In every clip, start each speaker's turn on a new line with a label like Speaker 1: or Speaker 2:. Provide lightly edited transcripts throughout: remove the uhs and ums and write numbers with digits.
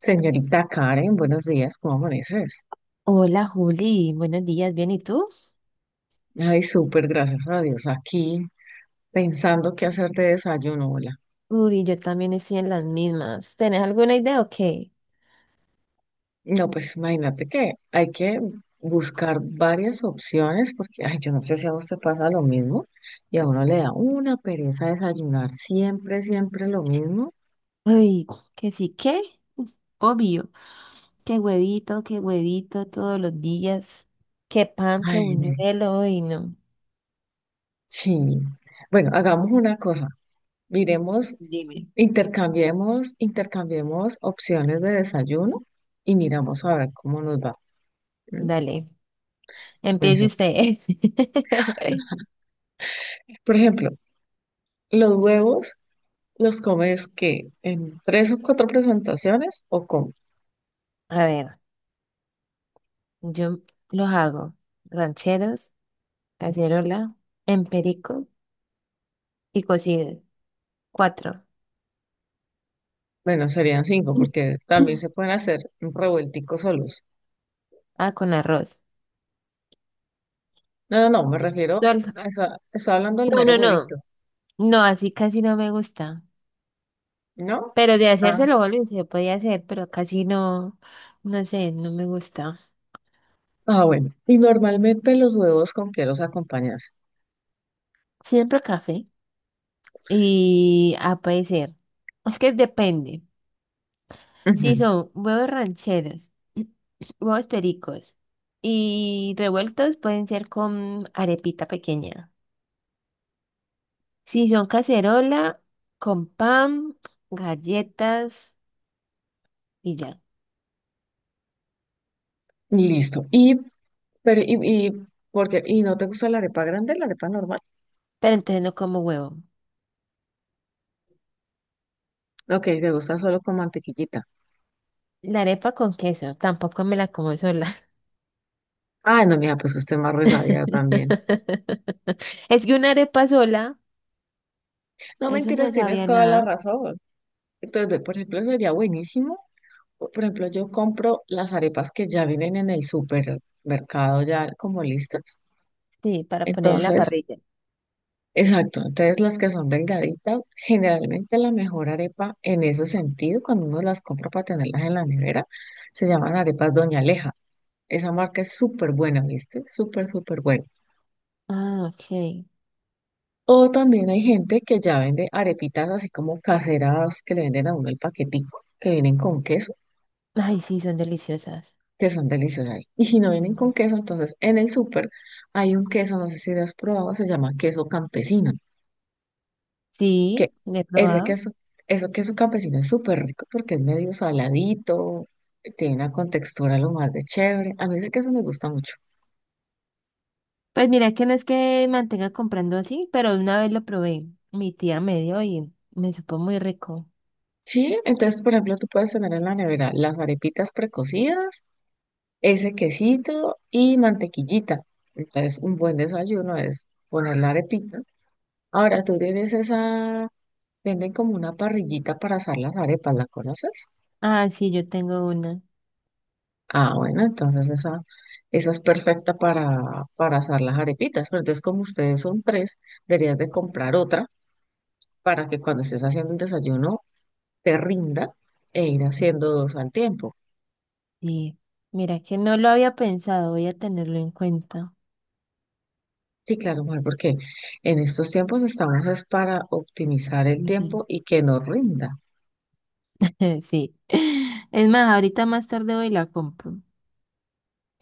Speaker 1: Señorita Karen, buenos días, ¿cómo amaneces?
Speaker 2: Hola Juli, buenos días, ¿bien y tú?
Speaker 1: Ay, súper, gracias a Dios. Aquí pensando qué hacer de desayuno, hola.
Speaker 2: Uy, yo también estoy en las mismas. ¿Tenés alguna idea o qué?
Speaker 1: No, pues imagínate que hay que buscar varias opciones porque, ay, yo no sé si a usted pasa lo mismo y a uno le da una pereza desayunar siempre, siempre lo mismo.
Speaker 2: Uy, que sí, ¿qué? Obvio, qué huevito todos los días, qué pan, qué
Speaker 1: Ay, ve,
Speaker 2: buñuelo, uy, no.
Speaker 1: sí. Bueno, hagamos una cosa. Miremos,
Speaker 2: Dime.
Speaker 1: intercambiemos opciones de desayuno y miramos a ver cómo nos va. ¿M?
Speaker 2: Dale,
Speaker 1: Pues
Speaker 2: empiece usted.
Speaker 1: Por ejemplo, los huevos los comes que en tres o cuatro presentaciones o con,
Speaker 2: A ver, yo los hago rancheros, cacerola, emperico y cocido. Cuatro.
Speaker 1: bueno, serían cinco porque también se pueden hacer revuelticos solos.
Speaker 2: Ah, con arroz.
Speaker 1: No, no, no, me refiero
Speaker 2: Sol-
Speaker 1: a esa, estaba hablando del
Speaker 2: No,
Speaker 1: mero
Speaker 2: no, no.
Speaker 1: huevito,
Speaker 2: No, así casi no me gusta.
Speaker 1: ¿no?
Speaker 2: Pero de
Speaker 1: Ah,
Speaker 2: hacérselo, volví, se podía hacer, pero casi no, no sé, no me gusta.
Speaker 1: ah, bueno. ¿Y normalmente los huevos con qué los acompañas?
Speaker 2: Siempre café y a puede ser. Es que depende. Si
Speaker 1: Ujú.
Speaker 2: son huevos rancheros, huevos pericos y revueltos, pueden ser con arepita pequeña. Si son cacerola, con pan, galletas y ya.
Speaker 1: Listo. Y, pero, porque, ¿y no te gusta la arepa grande, la arepa normal?
Speaker 2: Pero entonces no como huevo.
Speaker 1: Ok, te gusta solo con mantequillita.
Speaker 2: La arepa con queso, tampoco me la como sola.
Speaker 1: Ah, no, mira, pues usted más resabía también.
Speaker 2: Es que una arepa sola,
Speaker 1: No
Speaker 2: eso no
Speaker 1: mentiras, tienes
Speaker 2: sabía
Speaker 1: toda la
Speaker 2: nada.
Speaker 1: razón. Entonces, ve, por ejemplo, sería buenísimo. Por ejemplo, yo compro las arepas que ya vienen en el supermercado ya como listas.
Speaker 2: Sí, para poner en la
Speaker 1: Entonces,
Speaker 2: parrilla.
Speaker 1: exacto. Entonces, las que son delgaditas, generalmente la mejor arepa en ese sentido, cuando uno las compra para tenerlas en la nevera, se llaman arepas Doña Aleja. Esa marca es súper buena, ¿viste? Súper, súper buena.
Speaker 2: Ah, ok.
Speaker 1: O también hay gente que ya vende arepitas así como caseras que le venden a uno el paquetico, que vienen con queso.
Speaker 2: Ay, sí, son deliciosas.
Speaker 1: Que son deliciosas. Y si no vienen
Speaker 2: Mm.
Speaker 1: con queso, entonces en el súper hay un queso, no sé si lo has probado, se llama queso campesino, que
Speaker 2: Sí, le he
Speaker 1: ese
Speaker 2: probado.
Speaker 1: queso, eso queso campesino es súper rico porque es medio saladito, tiene una contextura lo más de chévere. A mí ese queso me gusta mucho.
Speaker 2: Pues mira que no es que mantenga comprando así, pero una vez lo probé. Mi tía me dio y me supo muy rico.
Speaker 1: Sí, entonces, por ejemplo, tú puedes tener en la nevera las arepitas precocidas, ese quesito y mantequillita. Entonces, un buen desayuno es poner la arepita. Ahora, tú tienes esa. Venden como una parrillita para asar las arepas, ¿la conoces?
Speaker 2: Ah, sí, yo tengo una.
Speaker 1: Ah, bueno, entonces esa es perfecta para asar las arepitas, pero entonces como ustedes son tres, deberías de comprar otra para que cuando estés haciendo el desayuno te rinda e ir haciendo dos al tiempo.
Speaker 2: Sí. Mira que no lo había pensado, voy a tenerlo en cuenta.
Speaker 1: Sí, claro, mujer, porque en estos tiempos estamos es para optimizar el
Speaker 2: Ujú.
Speaker 1: tiempo y que nos rinda.
Speaker 2: Sí. Es más, ahorita más tarde voy y la compro.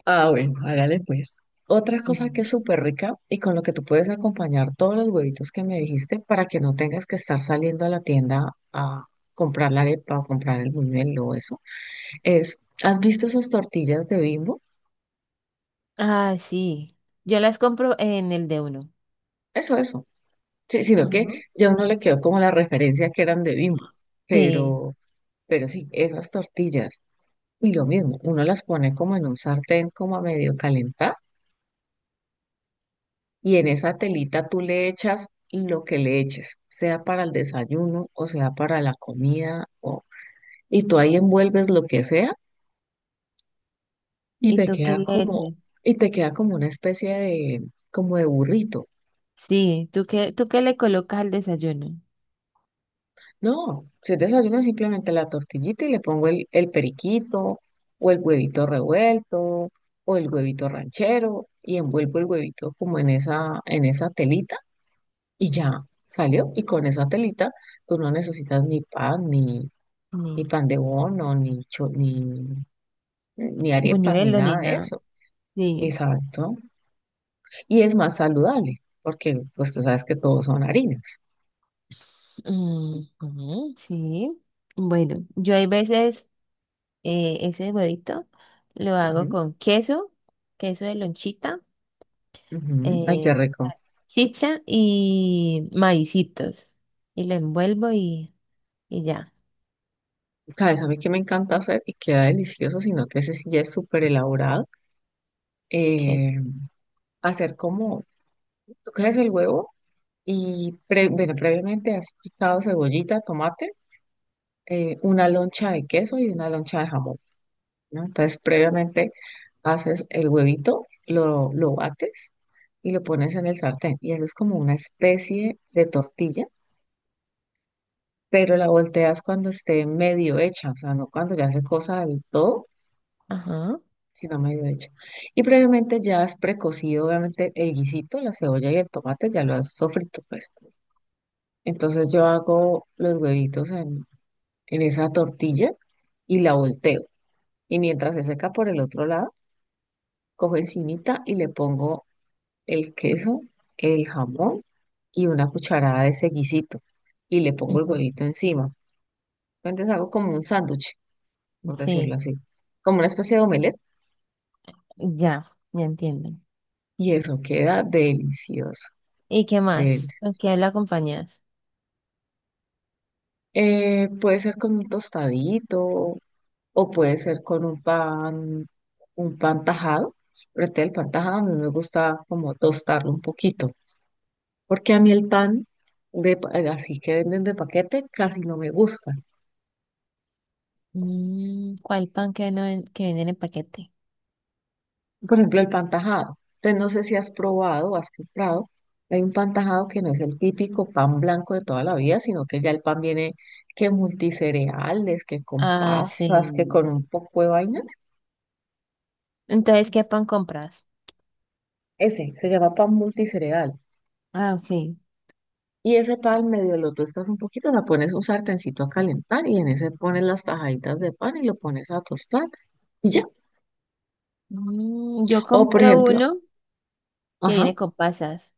Speaker 1: Ah, bueno, hágale pues. Otra cosa que es súper rica y con lo que tú puedes acompañar todos los huevitos que me dijiste para que no tengas que estar saliendo a la tienda a comprar la arepa o comprar el buñuelo o eso, es, ¿has visto esas tortillas de Bimbo?
Speaker 2: Ah, sí. Yo las compro en el de uno.
Speaker 1: Eso, eso. Sí, sino
Speaker 2: Ajá.
Speaker 1: que ya uno le quedó como la referencia que eran de Bimbo,
Speaker 2: Sí.
Speaker 1: pero, pero sí, esas tortillas. Y lo mismo, uno las pone como en un sartén como a medio calentar. Y en esa telita tú le echas lo que le eches, sea para el desayuno o sea para la comida, y tú ahí envuelves lo que sea y
Speaker 2: ¿Y
Speaker 1: te
Speaker 2: tú qué
Speaker 1: queda
Speaker 2: le
Speaker 1: como,
Speaker 2: echas?
Speaker 1: y te queda como una especie de, como de burrito.
Speaker 2: Sí. ¿Tú qué le colocas al desayuno?
Speaker 1: No, si es desayuno simplemente la tortillita y le pongo el periquito o el huevito revuelto o el huevito ranchero y envuelvo el huevito como en esa telita y ya salió. Y con esa telita tú no necesitas ni pan ni
Speaker 2: Ni
Speaker 1: pan de bono, ni arepas, ni
Speaker 2: buñuelo ni
Speaker 1: nada de
Speaker 2: nada.
Speaker 1: eso.
Speaker 2: Sí.
Speaker 1: Exacto. Y es más saludable, porque pues tú sabes que todos son harinas.
Speaker 2: Mm, ujú, sí. Bueno, yo hay veces ese huevito lo hago
Speaker 1: Ujú,
Speaker 2: con queso, queso de lonchita,
Speaker 1: ujú. Ay, qué
Speaker 2: eh,
Speaker 1: rico.
Speaker 2: chicha y maicitos. Y lo envuelvo y ya.
Speaker 1: ¿Sabes? A mí que me encanta hacer y queda delicioso, sino que ese sí ya es súper elaborado.
Speaker 2: que
Speaker 1: eh, Hacer como, tú coges el huevo y previamente has picado cebollita, tomate, una loncha de queso y una loncha de jamón. ¿No? Entonces, previamente haces el huevito, lo bates y lo pones en el sartén. Y haces como una especie de tortilla, pero la volteas cuando esté medio hecha, o sea, no cuando ya se cosa del todo,
Speaker 2: Ajá.
Speaker 1: sino medio hecha. Y previamente ya has precocido, obviamente, el guisito, la cebolla y el tomate, ya lo has sofrito, pues. Entonces yo hago los huevitos en esa tortilla y la volteo. Y mientras se seca por el otro lado, cojo encimita y le pongo el queso, el jamón y una cucharada de ese guisito. Y le pongo el
Speaker 2: Ujú,
Speaker 1: huevito encima. Entonces hago como un sándwich, por decirlo
Speaker 2: sí.
Speaker 1: así. Como una especie de omelette.
Speaker 2: Ya, ya entiendo.
Speaker 1: Y eso queda delicioso.
Speaker 2: ¿Y qué
Speaker 1: del-
Speaker 2: más? ¿Con qué la acompañas?
Speaker 1: Puede ser con un tostadito o puede ser con un pan tajado. Pero el pan tajado a mí me gusta como tostarlo un poquito. Porque a mí el pan así que venden de paquete casi no me gusta.
Speaker 2: ¿Cuál pan que, no ven- que venden en paquete?
Speaker 1: Por ejemplo, el pan tajado. Entonces, no sé si has probado o has comprado. Hay un pan tajado que no es el típico pan blanco de toda la vida, sino que ya el pan viene que multicereales, que con
Speaker 2: Ah,
Speaker 1: pasas, que
Speaker 2: sí.
Speaker 1: con un poco de vainas.
Speaker 2: Entonces, ¿qué pan compras?
Speaker 1: Ese se llama pan multicereal.
Speaker 2: Ah, ok.
Speaker 1: Y ese pan medio lo tostas un poquito, la pones un sartencito a calentar y en ese pones las tajaditas de pan y lo pones a tostar y ya.
Speaker 2: Yo
Speaker 1: O por
Speaker 2: compro
Speaker 1: ejemplo,
Speaker 2: uno que
Speaker 1: ajá,
Speaker 2: viene con pasas,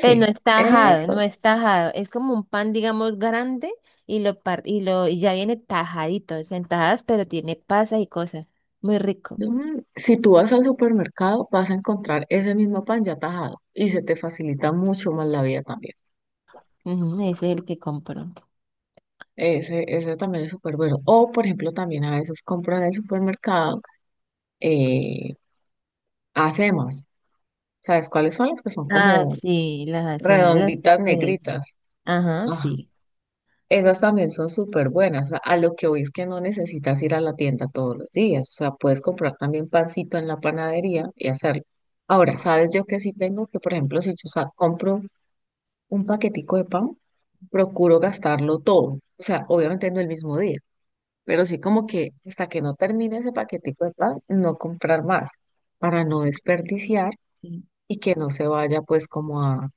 Speaker 2: pero no es tajado,
Speaker 1: eso.
Speaker 2: no es tajado. Es como un pan, digamos, grande y lo par y lo y ya viene tajadito, o sea, en tajadas, pero tiene pasas y cosas. Muy rico.
Speaker 1: Si tú vas al supermercado, vas a encontrar ese mismo pan ya tajado y se te facilita mucho más la vida también.
Speaker 2: Ujú, ese es el que compro.
Speaker 1: Ese también es súper bueno. O, por ejemplo, también a veces compran en el supermercado eh, acemas. ¿Sabes cuáles son las que son
Speaker 2: Ah,
Speaker 1: como
Speaker 2: sí, las alzheimer, los
Speaker 1: redonditas
Speaker 2: cafés.
Speaker 1: negritas?
Speaker 2: Ajá,
Speaker 1: Ajá.
Speaker 2: sí.
Speaker 1: Esas también son súper buenas. O sea, a lo que voy es que no necesitas ir a la tienda todos los días. O sea, puedes comprar también pancito en la panadería y hacerlo. Ahora, ¿sabes yo que sí tengo? Que, por ejemplo, si yo compro un paquetico de pan, procuro gastarlo todo. O sea, obviamente no el mismo día, pero sí como que hasta que no termine ese paquetico de pan, no comprar más para no desperdiciar
Speaker 2: Sí,
Speaker 1: y que no se vaya pues como a,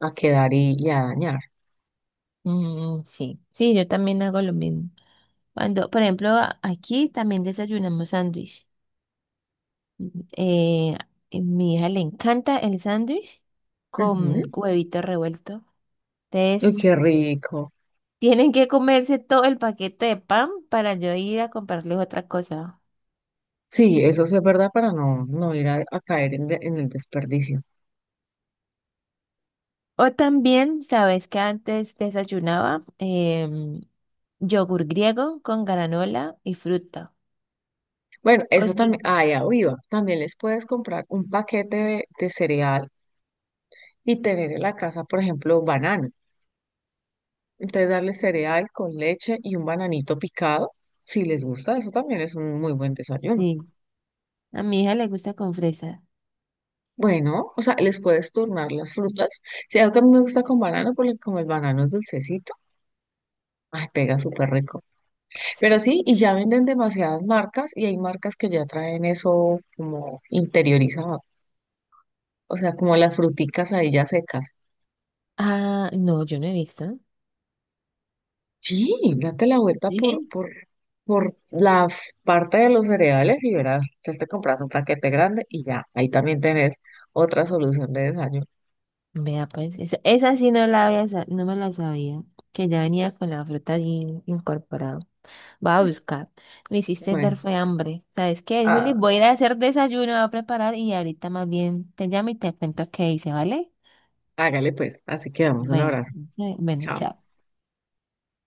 Speaker 1: a quedar y a dañar.
Speaker 2: mm, sí, sí, yo también hago lo mismo. Cuando, por ejemplo, aquí también desayunamos sándwich. Mm. A mi hija le encanta el sándwich con
Speaker 1: Ujú.
Speaker 2: huevito revuelto. Entonces,
Speaker 1: Uy, qué rico.
Speaker 2: tienen que comerse todo el paquete de pan para yo ir a comprarles otra cosa.
Speaker 1: Sí, eso sí es verdad para no, no ir a caer en el desperdicio.
Speaker 2: O también, ¿sabes que antes desayunaba? Yogur griego con granola y fruta.
Speaker 1: Bueno,
Speaker 2: Oh,
Speaker 1: eso también,
Speaker 2: sí.
Speaker 1: ah, ya iba. También les puedes comprar un paquete de cereal y tener en la casa, por ejemplo, banano. Entonces darle cereal con leche y un bananito picado, si les gusta, eso también es un muy buen desayuno.
Speaker 2: Sí. A mi hija le gusta con fresa.
Speaker 1: Bueno, o sea, les puedes turnar las frutas. Si algo que a mí me gusta con banano, porque como el banano es dulcecito, ay, pega súper rico. Pero sí, y ya venden demasiadas marcas y hay marcas que ya traen eso como interiorizado, o sea, como las fruticas ahí ya secas.
Speaker 2: Ah, no, yo no he visto.
Speaker 1: Sí, date la vuelta por,
Speaker 2: Sí.
Speaker 1: por, por la parte de los cereales y verás, te compras un paquete grande y ya, ahí también tenés otra solución de desayuno.
Speaker 2: Vea, pues, esa sí no la había, no me la sabía, que ya venía con la fruta allí incorporada. Voy a buscar. Me hiciste dar
Speaker 1: Bueno,
Speaker 2: fue hambre. ¿Sabes qué, Juli?
Speaker 1: ah,
Speaker 2: Voy a ir a hacer desayuno, voy a preparar y ahorita más bien te llamo y te cuento qué hice, ¿vale?
Speaker 1: hágale pues, así quedamos, un
Speaker 2: Bueno,
Speaker 1: abrazo.
Speaker 2: bueno,
Speaker 1: Chao.
Speaker 2: chao.